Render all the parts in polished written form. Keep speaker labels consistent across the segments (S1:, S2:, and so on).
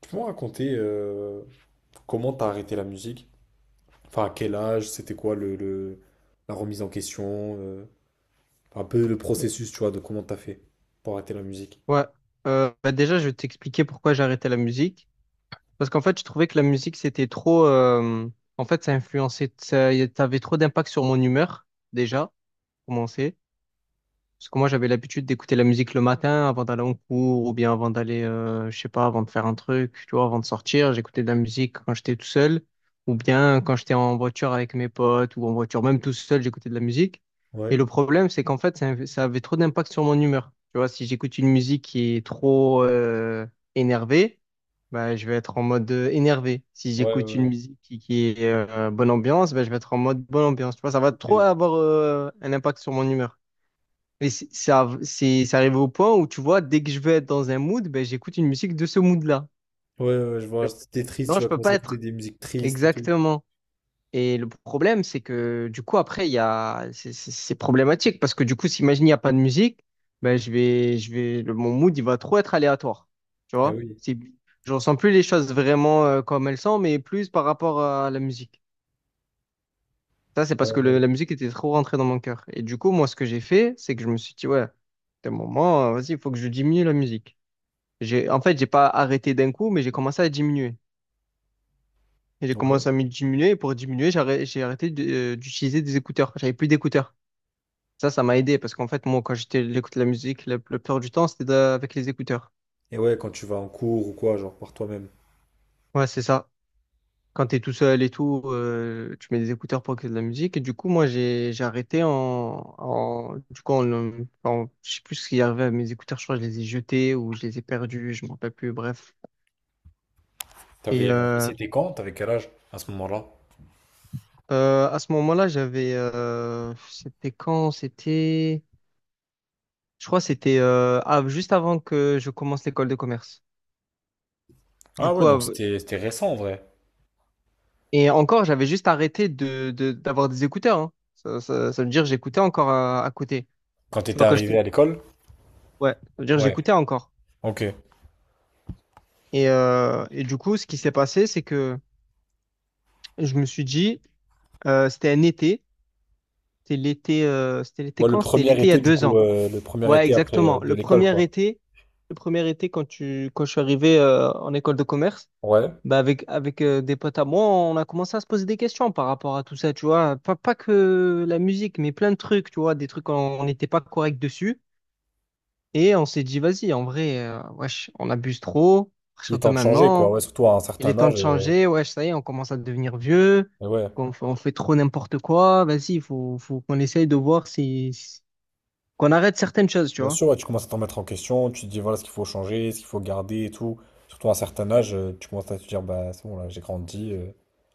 S1: Tu peux me raconter comment t'as arrêté la musique? Enfin, à quel âge? C'était quoi la remise en question? Un peu le processus, tu vois, de comment t'as fait pour arrêter la musique.
S2: Ouais. Bah déjà, je vais t'expliquer pourquoi j'ai arrêté la musique. Parce qu'en fait, je trouvais que la musique, c'était trop. En fait, ça influençait. Ça avait trop d'impact sur mon humeur, déjà, pour commencer. Parce que moi, j'avais l'habitude d'écouter la musique le matin avant d'aller en cours ou bien avant d'aller, je sais pas, avant de faire un truc, tu vois, avant de sortir. J'écoutais de la musique quand j'étais tout seul ou bien quand j'étais en voiture avec mes potes ou en voiture, même tout seul, j'écoutais de la musique. Et
S1: Ouais.
S2: le problème, c'est qu'en fait, ça avait trop d'impact sur mon humeur. Tu vois, si j'écoute une musique qui est trop énervée, bah, je vais être en mode énervé. Si
S1: Ouais, ouais,
S2: j'écoute une
S1: ouais.
S2: musique qui est bonne ambiance, bah, je vais être en mode bonne ambiance. Tu vois, ça va trop
S1: Ok.
S2: avoir un impact sur mon humeur. Et c'est arrivé au point où, tu vois, dès que je veux être dans un mood, ben, j'écoute une musique de ce mood-là.
S1: Ouais, ouais, je vois. C'était triste,
S2: Non,
S1: tu
S2: je
S1: vas
S2: peux
S1: commencer
S2: pas
S1: à écouter
S2: être.
S1: des musiques tristes et tout.
S2: Exactement. Et le problème, c'est que, du coup, après, il y a... c'est problématique parce que, du coup, s'imagine, il n'y a pas de musique, ben, je vais... mon mood, il va trop être aléatoire. Tu
S1: Ah
S2: vois?
S1: oui.
S2: C'est... Je ressens plus les choses vraiment comme elles sont, mais plus par rapport à la musique. Ça, c'est parce
S1: Ouais,
S2: que
S1: ouais.
S2: la musique était trop rentrée dans mon cœur. Et du coup, moi, ce que j'ai fait, c'est que je me suis dit, ouais, d'un moment, vas-y, il faut que je diminue la musique. En fait, j'ai pas arrêté d'un coup, mais j'ai commencé à diminuer. Et j'ai
S1: Ouais.
S2: commencé à me diminuer, et pour diminuer, d'utiliser des écouteurs. J'avais plus d'écouteurs. Ça m'a aidé, parce qu'en fait, moi, j'écoute la musique, la plupart du temps, c'était avec les écouteurs.
S1: Et ouais, quand tu vas en cours ou quoi, genre par toi-même.
S2: Ouais, c'est ça. Quand t'es tout seul et tout, tu mets des écouteurs pour écouter de la musique. Et du coup, moi, j'ai arrêté en, en, du coup, en, en- en- je sais plus ce qui est arrivé à mes écouteurs. Je crois que je les ai jetés ou je les ai perdus, je m'en rappelle plus, bref. Et,
S1: T'avais, et
S2: euh,
S1: c'était quand? T'avais quel âge à ce moment-là?
S2: À ce moment-là, c'était quand? C'était, je crois, que c'était juste avant que je commence l'école de commerce. Du
S1: Ah ouais,
S2: coup,
S1: donc
S2: av-
S1: c'était récent en vrai.
S2: et encore, j'avais juste arrêté d'avoir des écouteurs. Hein. Ça veut dire que j'écoutais encore à côté.
S1: Quand
S2: Tu
S1: t'étais
S2: vois,
S1: arrivé à l'école?
S2: ouais, ça veut dire que
S1: Ouais.
S2: j'écoutais encore.
S1: Ok.
S2: Et du coup, ce qui s'est passé, c'est que je me suis dit, c'était un été, c'était l'été, euh, c'était l'été
S1: Ouais, le
S2: quand? C'était
S1: premier
S2: l'été il y a
S1: été, du
S2: deux
S1: coup,
S2: ans.
S1: le premier
S2: Ouais,
S1: été après
S2: exactement.
S1: de
S2: Le
S1: l'école,
S2: premier
S1: quoi.
S2: été, le premier été quand quand je suis arrivé en école de commerce,
S1: Ouais,
S2: bah avec des potes à moi, on a commencé à se poser des questions par rapport à tout ça, tu vois. Pas que la musique, mais plein de trucs, tu vois, des trucs on n'était pas correct dessus. Et on s'est dit, vas-y, en vrai, wesh, on abuse trop. À
S1: il est
S2: partir de
S1: temps de changer, quoi.
S2: maintenant,
S1: Ouais, surtout à un
S2: il est
S1: certain
S2: temps de
S1: âge.
S2: changer. Wesh, ça y est, on commence à devenir vieux.
S1: Mais ouais,
S2: On fait trop n'importe quoi. Vas-y, il faut qu'on essaye de voir qu'on arrête certaines choses, tu
S1: bien
S2: vois.
S1: sûr, ouais, tu commences à te remettre en question, tu te dis, voilà ce qu'il faut changer, ce qu'il faut garder et tout. Surtout à un certain âge, tu commences à te dire, bah, c'est bon, là, j'ai grandi,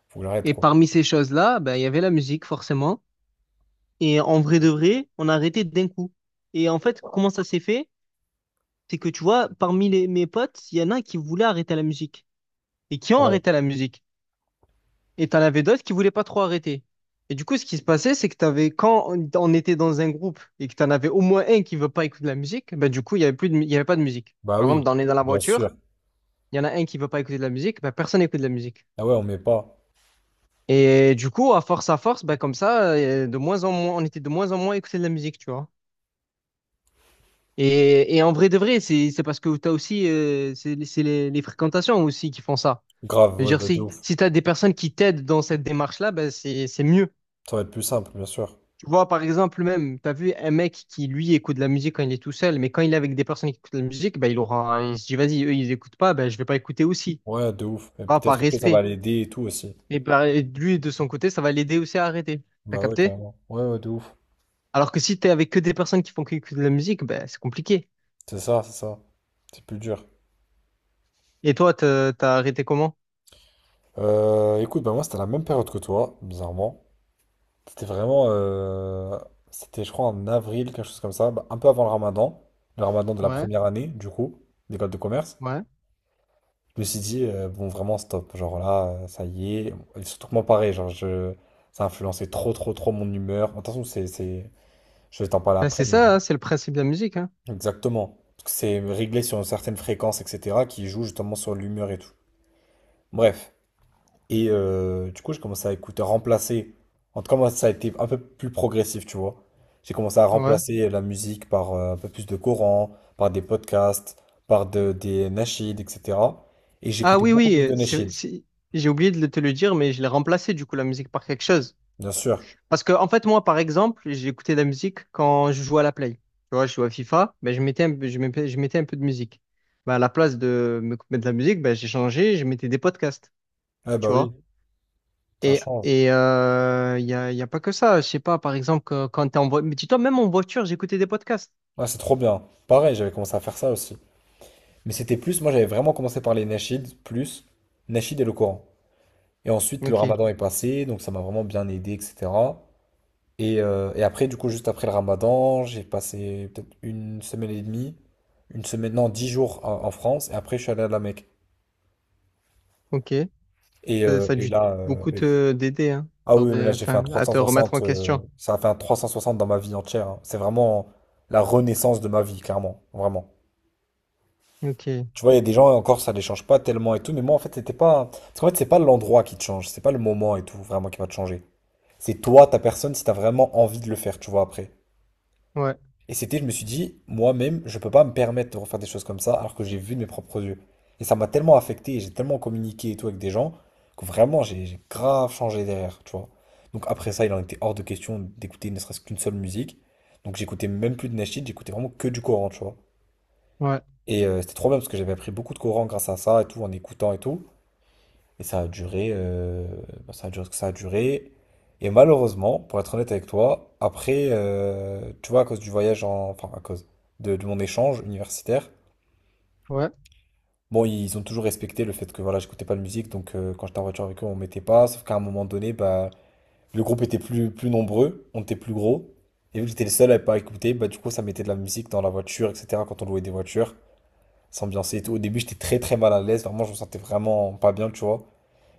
S1: faut que j'arrête,
S2: Et
S1: quoi.
S2: parmi ces choses-là, ben, il y avait la musique, forcément. Et en vrai de vrai, on a arrêté d'un coup. Et en fait, comment ça s'est fait? C'est que tu vois, parmi mes potes, il y en a qui voulaient arrêter la musique et qui ont
S1: Ouais,
S2: arrêté la musique. Et t'en avais d'autres qui voulaient pas trop arrêter. Et du coup, ce qui se passait, c'est que t'avais, quand on était dans un groupe et que t'en avais au moins un qui veut pas écouter de la musique, ben, du coup, il y avait plus il y avait pas de musique.
S1: bah
S2: Par
S1: oui,
S2: exemple, on est dans la
S1: bien sûr.
S2: voiture, il y en a un qui veut pas écouter de la musique, ben, personne n'écoute de la musique.
S1: Ah ouais, on met pas.
S2: Et du coup, à force, bah, comme ça, de moins en moins, on était de moins en moins écouté de la musique, tu vois. Et en vrai de vrai, c'est parce que tu as aussi, c'est les fréquentations aussi qui font ça.
S1: Grave,
S2: Je veux
S1: ouais,
S2: dire,
S1: bah, de ouf.
S2: si tu as des personnes qui t'aident dans cette démarche-là, bah, c'est mieux.
S1: Ça va être plus simple, bien sûr.
S2: Tu vois, par exemple, même, tu as vu un mec qui, lui, écoute de la musique quand il est tout seul, mais quand il est avec des personnes qui écoutent de la musique, bah, il se dit, vas-y, eux, ils écoutent pas, bah, je vais pas écouter aussi.
S1: Ouais, de ouf. Et
S2: Ah, par
S1: peut-être après, ça va
S2: respect.
S1: l'aider et tout aussi.
S2: Et bah, lui, de son côté, ça va l'aider aussi à arrêter. T'as
S1: Bah ouais,
S2: capté?
S1: carrément. Ouais, ouais, de ouf.
S2: Alors que si t'es avec que des personnes qui font que de la musique, ben c'est compliqué.
S1: C'est ça, c'est ça. C'est plus dur.
S2: Et toi, t'as arrêté comment?
S1: Écoute, bah moi c'était la même période que toi, bizarrement. C'était vraiment, c'était je crois en avril, quelque chose comme ça, bah, un peu avant le ramadan de la
S2: Ouais,
S1: première année du coup, d'école de commerce.
S2: ouais.
S1: Je me suis dit, bon vraiment stop, genre là, ça y est. Et surtout que moi pareil, genre je, ça a influencé trop trop trop mon humeur. Attention, c'est, je vais t'en parler
S2: Ben
S1: après,
S2: c'est
S1: mais
S2: ça, hein, c'est le principe de la musique, hein.
S1: exactement. Parce que c'est réglé sur une certaine fréquence, etc., qui joue justement sur l'humeur et tout. Bref. Et du coup, j'ai commencé à écouter, à remplacer. En tout cas, moi, ça a été un peu plus progressif, tu vois. J'ai commencé à
S2: Ouais.
S1: remplacer la musique par un peu plus de Coran, par des podcasts, par des nasheed, etc. Et
S2: Ah
S1: j'écoutais
S2: oui,
S1: beaucoup
S2: oui,
S1: plus de nasheed,
S2: j'ai oublié de te le dire, mais je l'ai remplacé du coup la musique par quelque chose.
S1: bien sûr.
S2: Parce que en fait, moi, par exemple, j'ai écouté de la musique quand je jouais à la Play. Tu vois, je jouais à FIFA, ben je mettais je mettais un peu de musique. Ben, à la place de me mettre de la musique, ben j'ai changé, je mettais des podcasts.
S1: Eh bah
S2: Tu
S1: oui,
S2: vois.
S1: ça
S2: Et
S1: change.
S2: et il euh, y a, y a pas que ça. Je sais pas, par exemple, quand t'es en voiture. Mais dis-toi, même en voiture, j'écoutais des podcasts.
S1: Ouais, c'est trop bien. Pareil, j'avais commencé à faire ça aussi. Mais c'était plus, moi, j'avais vraiment commencé par les nasheed, plus nasheed et le Coran. Et ensuite, le
S2: Ok,
S1: ramadan est passé, donc ça m'a vraiment bien aidé, etc. Et après, du coup, juste après le Ramadan, j'ai passé peut-être une semaine et demie, une semaine, non, dix jours en France, et après, je suis allé à la Mecque.
S2: ok.
S1: Et, euh,
S2: Ça a
S1: et
S2: dû
S1: là, euh,
S2: beaucoup
S1: et-
S2: te d'aider, hein,
S1: ah
S2: sur
S1: oui, mais là,
S2: des,
S1: j'ai fait un
S2: enfin, à te remettre
S1: 360,
S2: en question.
S1: ça a fait un 360 dans ma vie entière. Hein. C'est vraiment la renaissance de ma vie, clairement, vraiment.
S2: Ok,
S1: Tu vois, il y a des gens, encore, ça les change pas tellement et tout, mais moi, en fait, c'était pas. Parce qu'en fait, c'est pas l'endroit qui te change, c'est pas le moment et tout, vraiment, qui va te changer. C'est toi, ta personne, si t'as vraiment envie de le faire, tu vois, après.
S2: ouais,
S1: Et c'était, je me suis dit, moi-même, je peux pas me permettre de refaire des choses comme ça alors que j'ai vu de mes propres yeux. Et ça m'a tellement affecté, et j'ai tellement communiqué et tout avec des gens que vraiment j'ai grave changé derrière, tu vois. Donc après ça, il en était hors de question d'écouter ne serait-ce qu'une seule musique. Donc j'écoutais même plus de Nashid, j'écoutais vraiment que du Coran, tu vois.
S2: ouais,
S1: Et c'était trop bien parce que j'avais appris beaucoup de Coran grâce à ça et tout, en écoutant et tout. Et ça a duré, bah, ça a duré ce que ça a duré. Et malheureusement, pour être honnête avec toi, après, tu vois, à cause du voyage, enfin, à cause de mon échange universitaire,
S2: ouais,
S1: bon, ils ont toujours respecté le fait que voilà, j'écoutais pas de musique, donc quand j'étais en voiture avec eux, on mettait pas. Sauf qu'à un moment donné, bah, le groupe était plus nombreux, on était plus gros. Et vu que j'étais le seul à pas écouter, bah, du coup, ça mettait de la musique dans la voiture, etc., quand on louait des voitures, s'ambiancer et tout. Au début, j'étais très très mal à l'aise, vraiment, je me sentais vraiment pas bien, tu vois.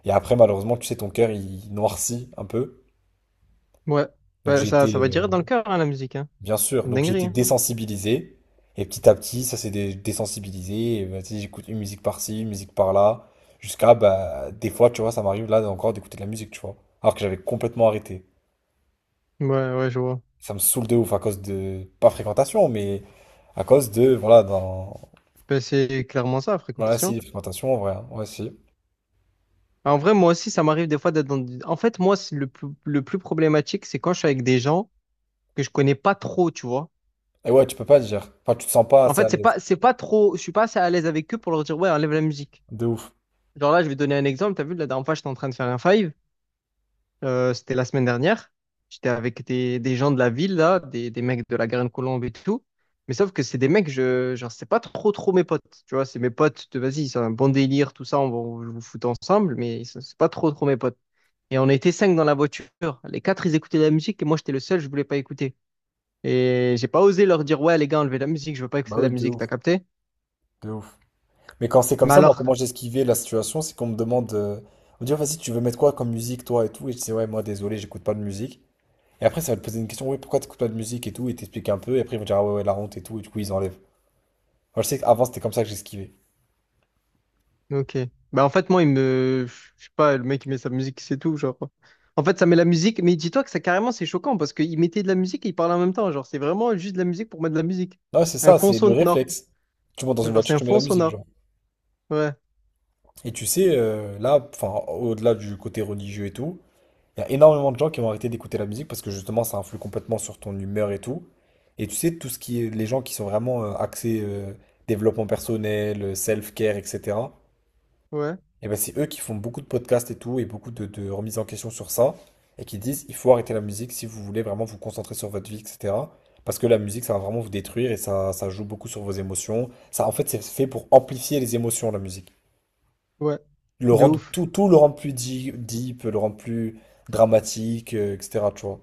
S1: Et après, malheureusement, tu sais, ton cœur, il noircit un peu.
S2: ouais.
S1: Donc
S2: Bah,
S1: j'ai été,
S2: ça va direct dans le cœur, hein, la musique, hein.
S1: bien sûr,
S2: C'est une
S1: donc j'ai
S2: dinguerie,
S1: été
S2: hein.
S1: désensibilisé. Et petit à petit, ça s'est désensibilisé. Et, bah, tu sais, j'écoute une musique par-ci, une musique par-là. Jusqu'à, bah, des fois, tu vois, ça m'arrive là encore d'écouter de la musique, tu vois. Alors que j'avais complètement arrêté.
S2: Ouais, ouais, je vois.
S1: Ça me saoule de ouf à cause de, pas fréquentation, mais à cause de, voilà, d'un...
S2: Bah, c'est clairement ça,
S1: Voilà,
S2: fréquentation.
S1: si, fréquentation, en vrai. Hein. Ouais, si.
S2: En vrai, moi aussi, ça m'arrive des fois d'être dans... des- En fait, moi, c'est le plus problématique, c'est quand je suis avec des gens que je connais pas trop, tu vois.
S1: Et ouais, tu peux pas le dire. Enfin, tu te sens pas
S2: En
S1: assez à
S2: fait,
S1: l'aise.
S2: c'est pas trop. Je suis pas assez à l'aise avec eux pour leur dire, ouais, enlève la musique.
S1: De ouf.
S2: Genre là, je vais donner un exemple. T'as vu, la dernière fois, j'étais en train de faire un five. C'était la semaine dernière. J'étais avec des gens de la ville, là, des mecs de la Garenne-Colombe et tout. Mais sauf que c'est des mecs, genre, c'est pas trop mes potes. Tu vois, c'est mes potes de vas-y, c'est un bon délire, tout ça, on va on vous foutre ensemble, mais c'est pas trop mes potes. Et on était cinq dans la voiture. Les quatre, ils écoutaient de la musique et moi, j'étais le seul, je voulais pas écouter. Et j'ai pas osé leur dire, ouais, les gars, enlevez la musique, je veux pas écouter
S1: Bah
S2: de la
S1: oui, de
S2: musique, t'as
S1: ouf,
S2: capté?
S1: de ouf. Mais quand c'est comme
S2: Mais
S1: ça, moi,
S2: alors.
S1: comment j'ai esquivé la situation, c'est qu'on me demande, on me dit, oh, vas-y, tu veux mettre quoi comme musique, toi et tout. Et je dis, ouais, moi, désolé, j'écoute pas de musique. Et après, ça va te poser une question, oui, pourquoi t'écoutes pas de musique et tout, et t'expliques un peu, et après, ils vont dire, ah ouais, ouais, la honte et tout, et du coup, ils enlèvent. Moi, je sais qu'avant, c'était comme ça que j'esquivais.
S2: Ok. Bah en fait moi il me je sais pas le mec il met sa musique c'est tout genre. En fait ça met la musique mais dis-toi que ça carrément c'est choquant parce qu'il mettait de la musique et il parlait en même temps genre c'est vraiment juste de la musique pour mettre de la musique.
S1: Non, c'est
S2: Un
S1: ça,
S2: fond
S1: c'est le
S2: sonore.
S1: réflexe. Tu montes dans une
S2: Genre
S1: voiture,
S2: c'est un
S1: tu mets
S2: fond
S1: la musique,
S2: sonore.
S1: genre.
S2: Ouais
S1: Et tu sais, là, enfin, au-delà du côté religieux et tout, il y a énormément de gens qui vont arrêter d'écouter la musique parce que justement ça influe complètement sur ton humeur et tout. Et tu sais, tout ce qui est les gens qui sont vraiment axés développement personnel, self-care, etc.
S2: ouais
S1: Et ben c'est eux qui font beaucoup de podcasts et tout et beaucoup de remises en question sur ça et qui disent il faut arrêter la musique si vous voulez vraiment vous concentrer sur votre vie, etc. Parce que la musique ça va vraiment vous détruire et ça joue beaucoup sur vos émotions. Ça en fait c'est fait pour amplifier les émotions la musique.
S2: ouais.
S1: Le
S2: De
S1: rendre
S2: ouf.
S1: tout, tout le rendre plus deep, deep, le rendre plus dramatique, etc. Tu vois.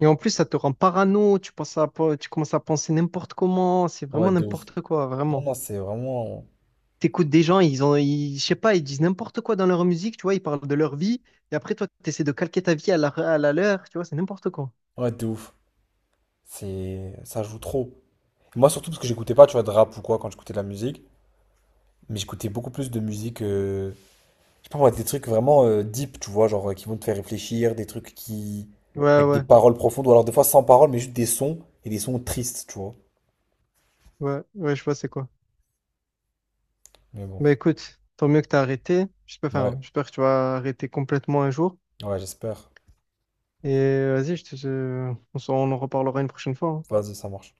S2: Et en plus ça te rend parano tu commences à penser n'importe comment c'est
S1: Ouais,
S2: vraiment
S1: de ouf.
S2: n'importe quoi
S1: Non,
S2: vraiment.
S1: non, c'est vraiment.
S2: T'écoutes des gens je sais pas ils disent n'importe quoi dans leur musique tu vois ils parlent de leur vie et après toi t'essaies de calquer ta vie à la leur tu vois c'est n'importe quoi.
S1: Ouais, de ouf. C'est... Ça joue trop. Moi, surtout parce que j'écoutais pas, tu vois, de rap ou quoi quand j'écoutais de la musique. Mais j'écoutais beaucoup plus de musique. Je sais pas moi, des trucs vraiment deep, tu vois, genre qui vont te faire réfléchir, des trucs qui.
S2: Ouais
S1: Avec des
S2: ouais.
S1: paroles profondes, ou alors des fois sans paroles, mais juste des sons, et des sons tristes, tu vois.
S2: Ouais, ouais, je vois c'est quoi.
S1: Mais bon.
S2: Bah écoute, tant mieux que t'as arrêté. J'espère,
S1: Ouais,
S2: enfin, j'espère que tu vas arrêter complètement un jour.
S1: ouais, j'espère.
S2: Et vas-y, on on en reparlera une prochaine fois. Hein.
S1: Vas-y, ça marche.